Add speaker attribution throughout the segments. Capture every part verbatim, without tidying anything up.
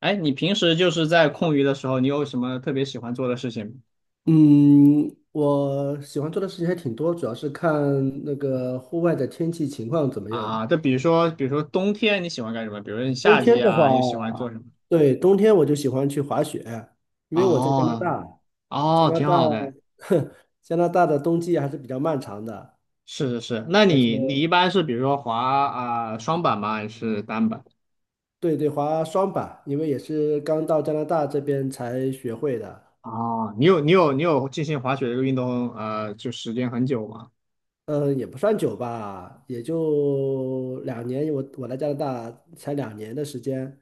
Speaker 1: 哎，你平时就是在空余的时候，你有什么特别喜欢做的事情吗？
Speaker 2: 嗯，我喜欢做的事情还挺多，主要是看那个户外的天气情况怎么样。
Speaker 1: 啊，就比如说，比如说冬天你喜欢干什么？比如说你
Speaker 2: 冬
Speaker 1: 夏
Speaker 2: 天
Speaker 1: 季
Speaker 2: 的话，
Speaker 1: 啊，你喜欢做什么？
Speaker 2: 对，冬天我就喜欢去滑雪，因为我在加拿
Speaker 1: 哦
Speaker 2: 大，加
Speaker 1: 哦，
Speaker 2: 拿
Speaker 1: 挺
Speaker 2: 大，
Speaker 1: 好的。
Speaker 2: 加拿大的冬季还是比较漫长的，
Speaker 1: 是是是，那
Speaker 2: 而且
Speaker 1: 你你一般是比如说滑啊、双板吗？还是单板？
Speaker 2: 对对，滑双板，因为也是刚到加拿大这边才学会的，
Speaker 1: 哦，你有你有你有进行滑雪这个运动呃，就时间很久吗？
Speaker 2: 嗯，也不算久吧，也就两年，我我来加拿大才两年的时间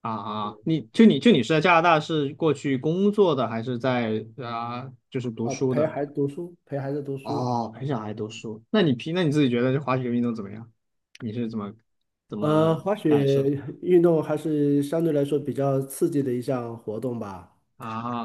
Speaker 1: 啊啊，你就你就你是在加拿大是过去工作的，还是在啊、就是读
Speaker 2: 啊，
Speaker 1: 书
Speaker 2: 陪
Speaker 1: 的？
Speaker 2: 孩子读书，陪孩子读书。
Speaker 1: 哦，陪小孩读书，那你平，那你自己觉得这滑雪运动怎么样？你是怎么怎
Speaker 2: 呃，
Speaker 1: 么
Speaker 2: 滑
Speaker 1: 感
Speaker 2: 雪
Speaker 1: 受？
Speaker 2: 运动还是相对来说比较刺激的一项活动吧。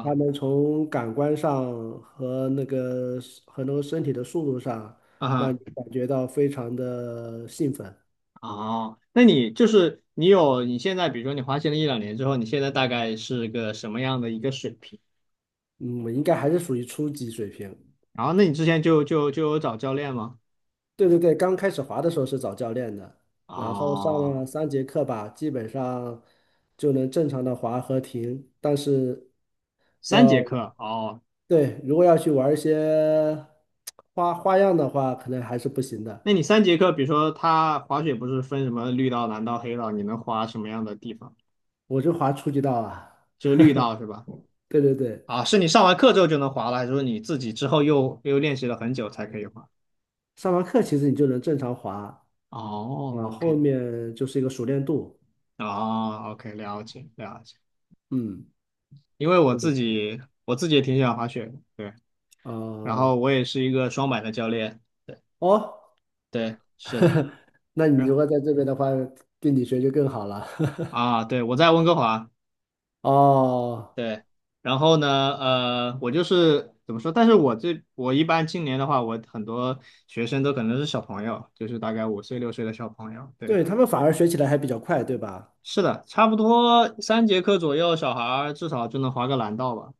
Speaker 2: 它能从感官上和那个和那个身体的速度上，让
Speaker 1: 啊。
Speaker 2: 你感觉到非常的兴奋。
Speaker 1: 哦，那你就是你有你现在，比如说你滑行了一两年之后，你现在大概是个什么样的一个水平？
Speaker 2: 嗯，应该还是属于初级水平。
Speaker 1: 然后，那你之前就就就有找教练吗？
Speaker 2: 对对对，刚开始滑的时候是找教练的，然后上
Speaker 1: 哦，
Speaker 2: 了三节课吧，基本上就能正常的滑和停，但是
Speaker 1: 三节
Speaker 2: 要
Speaker 1: 课哦，
Speaker 2: 对，如果要去玩一些花花样的话，可能还是不行的。
Speaker 1: 那你三节课，比如说他滑雪不是分什么绿道、蓝道、黑道，你能滑什么样的地方？
Speaker 2: 我就滑初级道啊，
Speaker 1: 就是绿道是吧？
Speaker 2: 对对对，
Speaker 1: 啊，是你上完课之后就能滑了，还是说你自己之后又又练习了很久才可以滑？
Speaker 2: 上完课其实你就能正常滑，然后
Speaker 1: 哦
Speaker 2: 后
Speaker 1: ，OK，
Speaker 2: 面就是一个熟练度，
Speaker 1: 啊，OK，了解了解。
Speaker 2: 嗯，
Speaker 1: 因为我
Speaker 2: 对对
Speaker 1: 自
Speaker 2: 对，
Speaker 1: 己我自己也挺喜欢滑雪的，对。然
Speaker 2: 呃，
Speaker 1: 后我也是一个双板的教练，对
Speaker 2: 哦，
Speaker 1: 对，是的，
Speaker 2: 那
Speaker 1: 是
Speaker 2: 你如果在这边的话，跟你学就更好了，
Speaker 1: 啊，对，我在温哥华，
Speaker 2: 哦。
Speaker 1: 对。然后呢，呃，我就是怎么说？但是我这我一般今年的话，我很多学生都可能是小朋友，就是大概五岁六岁的小朋友，对。
Speaker 2: 对，他们反而学起来还比较快，对吧？
Speaker 1: 是的，差不多三节课左右，小孩儿至少就能滑个蓝道吧。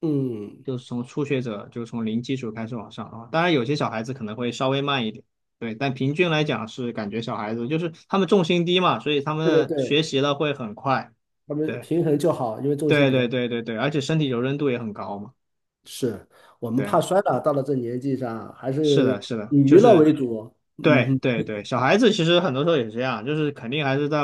Speaker 2: 嗯，
Speaker 1: 就是从初学者，就是从零基础开始往上啊。当然，有些小孩子可能会稍微慢一点，对，但平均来讲是感觉小孩子就是他们重心低嘛，所以他
Speaker 2: 对对
Speaker 1: 们学
Speaker 2: 对，
Speaker 1: 习了会很快。
Speaker 2: 他们
Speaker 1: 对，
Speaker 2: 平衡就好，因为重心
Speaker 1: 对
Speaker 2: 比较
Speaker 1: 对对对对，而且身体柔韧度也很高嘛。
Speaker 2: 是，我们
Speaker 1: 对，
Speaker 2: 怕摔了，到了这年纪上，还
Speaker 1: 是的，
Speaker 2: 是
Speaker 1: 是的，
Speaker 2: 以
Speaker 1: 就
Speaker 2: 娱乐
Speaker 1: 是
Speaker 2: 为主。嗯
Speaker 1: 对
Speaker 2: 哼，
Speaker 1: 对对，小孩子其实很多时候也是这样，就是肯定还是在，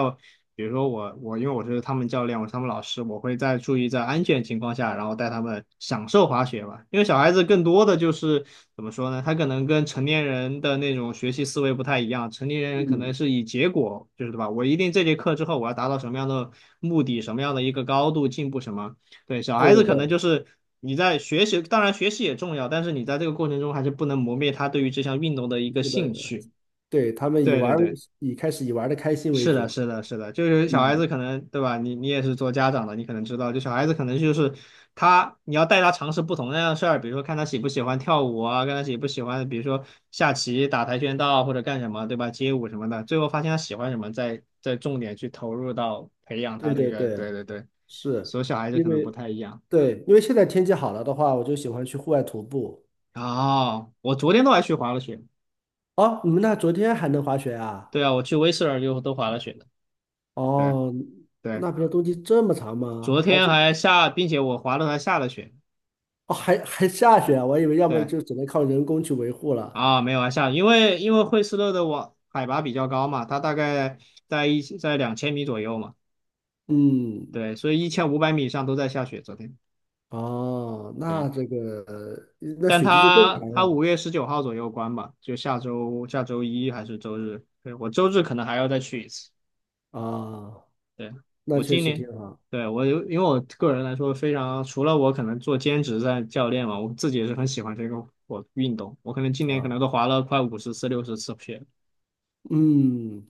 Speaker 1: 比如说我我因为我是他们教练，我是他们老师，我会在注意在安全情况下，然后带他们享受滑雪吧。因为小孩子更多的就是怎么说呢，他可能跟成年人的那种学习思维不太一样，成年人可能是以结果，就是对吧？我一定这节课之后我要达到什么样的目的，什么样的一个高度进步什么。对，小
Speaker 2: 对
Speaker 1: 孩
Speaker 2: 对
Speaker 1: 子可
Speaker 2: 对，
Speaker 1: 能就是你在学习，当然学习也重要，但是你在这个过程中还是不能磨灭他对于这项运动的一个
Speaker 2: 对
Speaker 1: 兴
Speaker 2: 的，
Speaker 1: 趣。
Speaker 2: 对，他们以
Speaker 1: 对
Speaker 2: 玩
Speaker 1: 对
Speaker 2: 儿
Speaker 1: 对，
Speaker 2: 以开始以玩的开心为
Speaker 1: 是的，
Speaker 2: 主。
Speaker 1: 是的，是的，就是小孩子
Speaker 2: 嗯，
Speaker 1: 可能，对吧？你你也是做家长的，你可能知道，就小孩子可能就是他，你要带他尝试不同那样的事儿，比如说看他喜不喜欢跳舞啊，看他喜不喜欢，比如说下棋、打跆拳道或者干什么，对吧？街舞什么的，最后发现他喜欢什么，再再重点去投入到培养他
Speaker 2: 对
Speaker 1: 这
Speaker 2: 对
Speaker 1: 个，
Speaker 2: 对，
Speaker 1: 对对对，
Speaker 2: 是
Speaker 1: 所以小孩子
Speaker 2: 因
Speaker 1: 可能不
Speaker 2: 为
Speaker 1: 太一样。
Speaker 2: 对，因为现在天气好了的话，我就喜欢去户外徒步。
Speaker 1: 哦，我昨天都还去滑了雪，
Speaker 2: 哦，你们那昨天还能滑雪啊？
Speaker 1: 对啊，我去威斯尔就都滑了雪的，对
Speaker 2: 哦，
Speaker 1: 对，
Speaker 2: 那边的冬季这么长
Speaker 1: 昨
Speaker 2: 吗？还
Speaker 1: 天
Speaker 2: 是？
Speaker 1: 还下，并且我滑了还下了雪。
Speaker 2: 哦，还还下雪啊，我以为要么
Speaker 1: 对，
Speaker 2: 就只能靠人工去维护了。
Speaker 1: 啊，没有啊，下雨因为因为惠斯勒的网海拔比较高嘛，它大概在一在两千米左右嘛，
Speaker 2: 嗯，
Speaker 1: 对，所以一千五百米以上都在下雪。昨天，
Speaker 2: 哦，
Speaker 1: 对，
Speaker 2: 那这个呃那
Speaker 1: 但
Speaker 2: 雪季就更
Speaker 1: 它
Speaker 2: 长
Speaker 1: 它
Speaker 2: 了
Speaker 1: 五月十九号左右关吧，就下周下周一还是周日，对，我周日可能还要再去一次。
Speaker 2: 啊，
Speaker 1: 对，
Speaker 2: 那
Speaker 1: 我
Speaker 2: 确
Speaker 1: 今
Speaker 2: 实挺
Speaker 1: 年，
Speaker 2: 好
Speaker 1: 对，我有因为我个人来说非常，除了我可能做兼职在教练嘛，我自己也是很喜欢这个我运动，我可能今年可
Speaker 2: 啊。
Speaker 1: 能都滑了快五十次六十次雪。
Speaker 2: 嗯，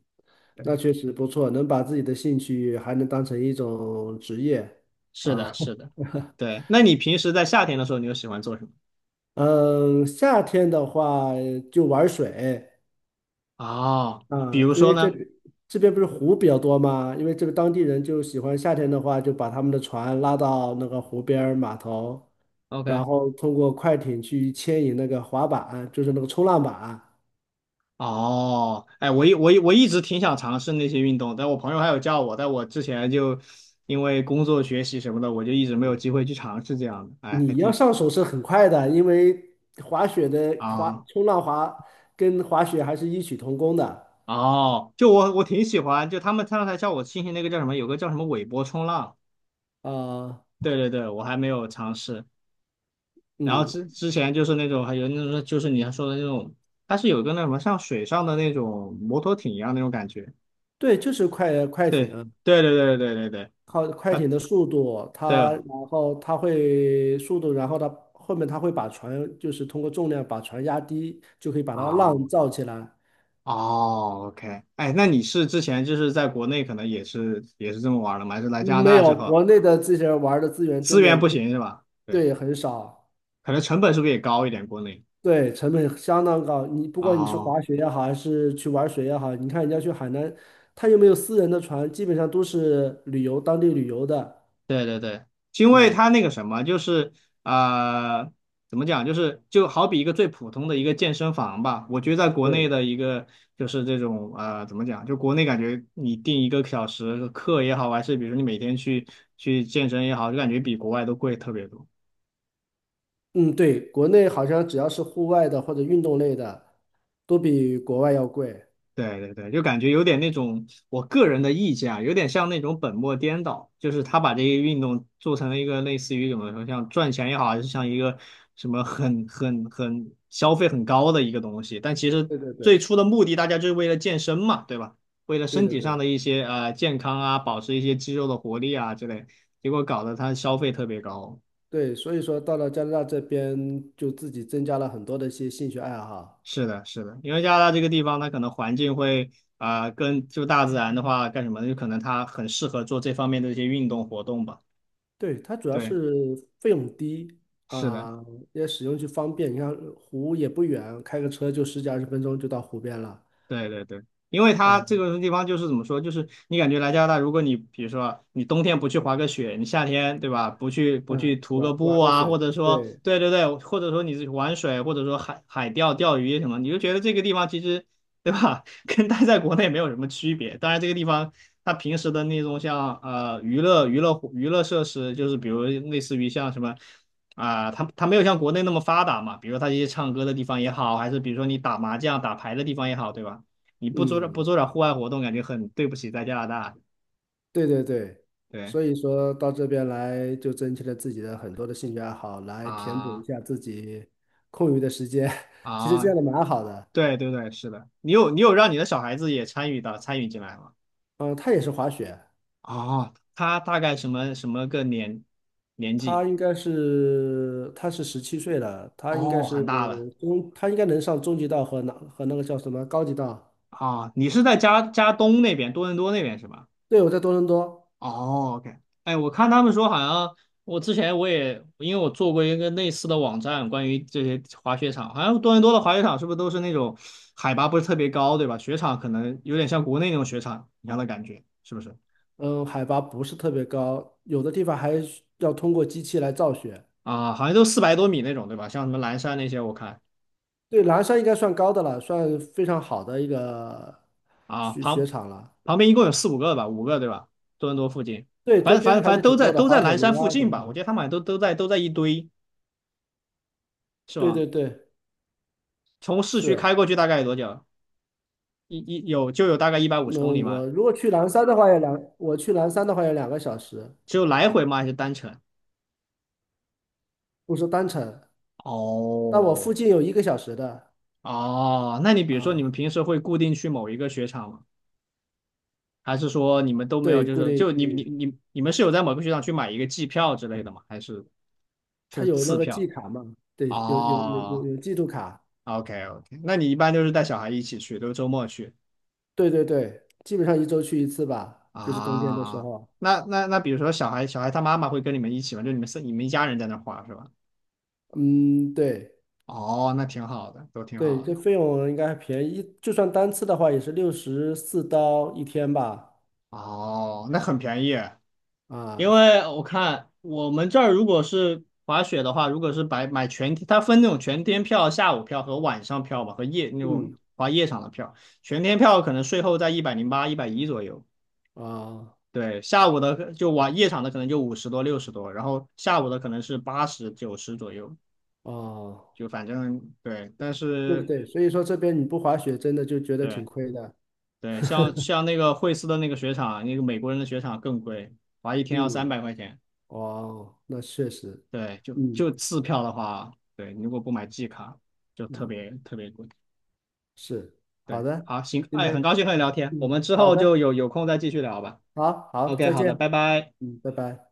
Speaker 2: 那确实不错，能把自己的兴趣还能当成一种职业
Speaker 1: 是的，
Speaker 2: 啊。
Speaker 1: 是的，对。那你平时在夏天的时候，你又喜欢做什么？
Speaker 2: 嗯，夏天的话就玩水，
Speaker 1: 哦，比
Speaker 2: 啊，
Speaker 1: 如
Speaker 2: 因
Speaker 1: 说
Speaker 2: 为这
Speaker 1: 呢
Speaker 2: 边这边不是湖比较多嘛，因为这个当地人就喜欢夏天的话，就把他们的船拉到那个湖边儿码头，然
Speaker 1: ？OK，
Speaker 2: 后通过快艇去牵引那个滑板，就是那个冲浪板。
Speaker 1: 哦，哎，我一我一我一直挺想尝试那些运动，但我朋友还有叫我，但我之前就因为工作、学习什么的，我就一直没有机会去尝试这样的。哎，还
Speaker 2: 你要
Speaker 1: 挺
Speaker 2: 上手是很快的，因为滑雪的滑
Speaker 1: 啊。
Speaker 2: 冲浪滑跟滑雪还是异曲同工的。
Speaker 1: 哦，就我我挺喜欢，就他们刚才叫我进行那个叫什么，有个叫什么尾波冲浪，
Speaker 2: 啊、
Speaker 1: 对对对，我还没有尝试。然后
Speaker 2: 嗯，
Speaker 1: 之之前就是那种还有那种就是你还说的那种，它是有个那什么像水上的那种摩托艇一样那种感觉。
Speaker 2: 对，就是快快
Speaker 1: 对
Speaker 2: 艇。
Speaker 1: 对对对对对对，
Speaker 2: 靠快
Speaker 1: 啊
Speaker 2: 艇的速度，
Speaker 1: 对
Speaker 2: 它
Speaker 1: 了。
Speaker 2: 然后它会速度，然后它后面它会把船就是通过重量把船压低，就可以把它浪
Speaker 1: 哦
Speaker 2: 造起来。
Speaker 1: 哦，OK，哎，那你是之前就是在国内可能也是也是这么玩的吗？还是来加拿
Speaker 2: 没
Speaker 1: 大之
Speaker 2: 有，
Speaker 1: 后
Speaker 2: 国内的这些玩儿的资源
Speaker 1: 资
Speaker 2: 真
Speaker 1: 源
Speaker 2: 的
Speaker 1: 不行是吧？对，
Speaker 2: 对很少，
Speaker 1: 可能成本是不是也高一点？国内
Speaker 2: 对成本相当高。你不管你是
Speaker 1: 哦。
Speaker 2: 滑雪也好，还是去玩水也好，你看人家去海南，他又没有私人的船，基本上都是旅游当地旅游的
Speaker 1: 对对对，因为
Speaker 2: 啊。
Speaker 1: 它那个什么，就是啊、呃怎么讲，就是就好比一个最普通的一个健身房吧。我觉得在国内
Speaker 2: 对。
Speaker 1: 的一个就是这种啊、呃怎么讲，就国内感觉你定一个小时课也好，还是比如说你每天去去健身也好，就感觉比国外都贵特别多。
Speaker 2: 嗯，对，国内好像只要是户外的或者运动类的，都比国外要贵。
Speaker 1: 对对对，就感觉有点那种，我个人的意见啊，有点像那种本末颠倒，就是他把这些运动做成了一个类似于怎么说，像赚钱也好，还是像一个什么很很很消费很高的一个东西，但其实
Speaker 2: 对对对，
Speaker 1: 最初的目的大家就是为了健身嘛，对吧？为了
Speaker 2: 对
Speaker 1: 身
Speaker 2: 对
Speaker 1: 体上
Speaker 2: 对
Speaker 1: 的一些呃健康啊，保持一些肌肉的活力啊之类，结果搞得他消费特别高。
Speaker 2: 对，所以说到了加拿大这边，就自己增加了很多的一些兴趣爱好。
Speaker 1: 是的，是的，因为加拿大这个地方，它可能环境会啊、跟就大自然的话干什么呢？就可能它很适合做这方面的一些运动活动吧。
Speaker 2: 对，它主要
Speaker 1: 对，
Speaker 2: 是费用低
Speaker 1: 是的。
Speaker 2: 啊，也使用就方便。你看湖也不远，开个车就十几二十分钟就到湖边了
Speaker 1: 对对对，因为
Speaker 2: 啊。
Speaker 1: 它这个地方就是怎么说，就是你感觉来加拿大，如果你比如说啊你冬天不去滑个雪，你夏天对吧，不去不去
Speaker 2: 嗯，
Speaker 1: 徒个
Speaker 2: 玩
Speaker 1: 步
Speaker 2: 玩个
Speaker 1: 啊，或
Speaker 2: 水，
Speaker 1: 者说
Speaker 2: 对，
Speaker 1: 对对对，或者说你去玩水，或者说海海钓钓鱼什么，你就觉得这个地方其实对吧，跟待在国内没有什么区别。当然，这个地方它平时的那种像呃娱乐娱乐娱乐设施，就是比如类似于像什么。啊，它它没有像国内那么发达嘛，比如它一些唱歌的地方也好，还是比如说你打麻将、打牌的地方也好，对吧？你不做点不
Speaker 2: 嗯。
Speaker 1: 做点户外活动，感觉很对不起在加拿大。
Speaker 2: 对对对，
Speaker 1: 对
Speaker 2: 所以说到这边来，就增添了自己的很多的兴趣爱好，来填补一
Speaker 1: 啊
Speaker 2: 下自己空余的时间。其实这
Speaker 1: 啊，
Speaker 2: 样的蛮好的。
Speaker 1: 对对对，是的，你有你有让你的小孩子也参与到参与进来吗？
Speaker 2: 嗯，他也是滑雪，
Speaker 1: 哦，他大概什么什么个年年
Speaker 2: 他
Speaker 1: 纪？
Speaker 2: 应该是他是十七岁了，他应该
Speaker 1: 哦，
Speaker 2: 是
Speaker 1: 很大了
Speaker 2: 中，他应该能上中级道和那和那个叫什么高级道。
Speaker 1: 啊，你是在加加东那边，多伦多那边是吧？
Speaker 2: 对，我在多伦多，
Speaker 1: 哦，OK，哎，我看他们说好像，我之前我也因为我做过一个类似的网站，关于这些滑雪场，好像多伦多的滑雪场是不是都是那种海拔不是特别高，对吧？雪场可能有点像国内那种雪场一样的感觉，是不是？
Speaker 2: 嗯，海拔不是特别高，有的地方还需要通过机器来造雪。
Speaker 1: 啊，好像都四百多米那种，对吧？像什么蓝山那些，我看
Speaker 2: 对，南山应该算高的了，算非常好的一个
Speaker 1: 啊，
Speaker 2: 雪雪
Speaker 1: 旁
Speaker 2: 场了。
Speaker 1: 旁边一共有四五个吧，五个对吧？多伦多附近，
Speaker 2: 对，
Speaker 1: 反
Speaker 2: 周
Speaker 1: 正反
Speaker 2: 边
Speaker 1: 正
Speaker 2: 还
Speaker 1: 反
Speaker 2: 是
Speaker 1: 正都
Speaker 2: 挺
Speaker 1: 在
Speaker 2: 多的，
Speaker 1: 都
Speaker 2: 滑
Speaker 1: 在
Speaker 2: 铁
Speaker 1: 蓝山
Speaker 2: 卢
Speaker 1: 附
Speaker 2: 啊什
Speaker 1: 近
Speaker 2: 么什
Speaker 1: 吧，
Speaker 2: 么。
Speaker 1: 我觉得他们好像都都在都在一堆，是
Speaker 2: 对
Speaker 1: 吗？
Speaker 2: 对对，
Speaker 1: 从市区
Speaker 2: 是。
Speaker 1: 开过去大概有多久？一一有就有大概一百五十
Speaker 2: 那
Speaker 1: 公里嘛，
Speaker 2: 我如果去南山的话，要两，我去南山的话要两个小时，
Speaker 1: 只有来回吗？还是单程？
Speaker 2: 不是单程。但我
Speaker 1: 哦
Speaker 2: 附近有一个小时的
Speaker 1: 哦，那你比如说你
Speaker 2: 啊，
Speaker 1: 们平时会固定去某一个雪场吗？还是说你们都没有？
Speaker 2: 对，
Speaker 1: 就
Speaker 2: 固
Speaker 1: 是
Speaker 2: 定
Speaker 1: 就
Speaker 2: 区
Speaker 1: 你你
Speaker 2: 域，
Speaker 1: 你你们是有在某个雪场去买一个季票之类的吗？还是
Speaker 2: 它
Speaker 1: 是
Speaker 2: 有那
Speaker 1: 次
Speaker 2: 个季
Speaker 1: 票？
Speaker 2: 卡嘛，对，有有有有
Speaker 1: 哦
Speaker 2: 有季度卡，
Speaker 1: ，OK OK，那你一般就是带小孩一起去，都是周末去
Speaker 2: 对对对，基本上一周去一次吧，就是冬天的时
Speaker 1: 啊？
Speaker 2: 候。
Speaker 1: 那那那比如说小孩小孩他妈妈会跟你们一起吗？就你们是你们一家人在那儿花是吧？
Speaker 2: 嗯，对
Speaker 1: 哦，那挺好的，都挺
Speaker 2: 对，
Speaker 1: 好的。
Speaker 2: 这费用应该还便宜，一就算单次的话也是六十四刀一天吧，
Speaker 1: 哦，那很便宜。
Speaker 2: 啊，
Speaker 1: 因为我看我们这儿如果是滑雪的话，如果是买买全天，它分那种全天票、下午票和晚上票吧，和夜那种
Speaker 2: 嗯
Speaker 1: 滑夜场的票。全天票可能税后在一百零八、一百一左右。
Speaker 2: 啊。
Speaker 1: 对，下午的就晚夜场的可能就五十多、六十多，然后下午的可能是八十、九十左右，
Speaker 2: 哦，
Speaker 1: 就反正对。但
Speaker 2: 对对
Speaker 1: 是
Speaker 2: 对，所以说这边你不滑雪真的就觉得
Speaker 1: 对
Speaker 2: 挺亏的。
Speaker 1: 对，像像那个惠斯的那个雪场，那个美国人的雪场更贵，滑一天要三
Speaker 2: 嗯，
Speaker 1: 百块钱。
Speaker 2: 哦，那确实，
Speaker 1: 对，就
Speaker 2: 嗯
Speaker 1: 就次票的话，对，你如果不买季卡，就特
Speaker 2: 嗯，
Speaker 1: 别特别贵。
Speaker 2: 是，好
Speaker 1: 对，
Speaker 2: 的，
Speaker 1: 好，行，
Speaker 2: 今
Speaker 1: 哎，很
Speaker 2: 天，
Speaker 1: 高兴和你聊天，我
Speaker 2: 嗯，
Speaker 1: 们之
Speaker 2: 好
Speaker 1: 后就
Speaker 2: 的，
Speaker 1: 有有空再继续聊吧。
Speaker 2: 好好，
Speaker 1: OK，
Speaker 2: 再
Speaker 1: 好的，
Speaker 2: 见，
Speaker 1: 拜拜。
Speaker 2: 嗯，拜拜。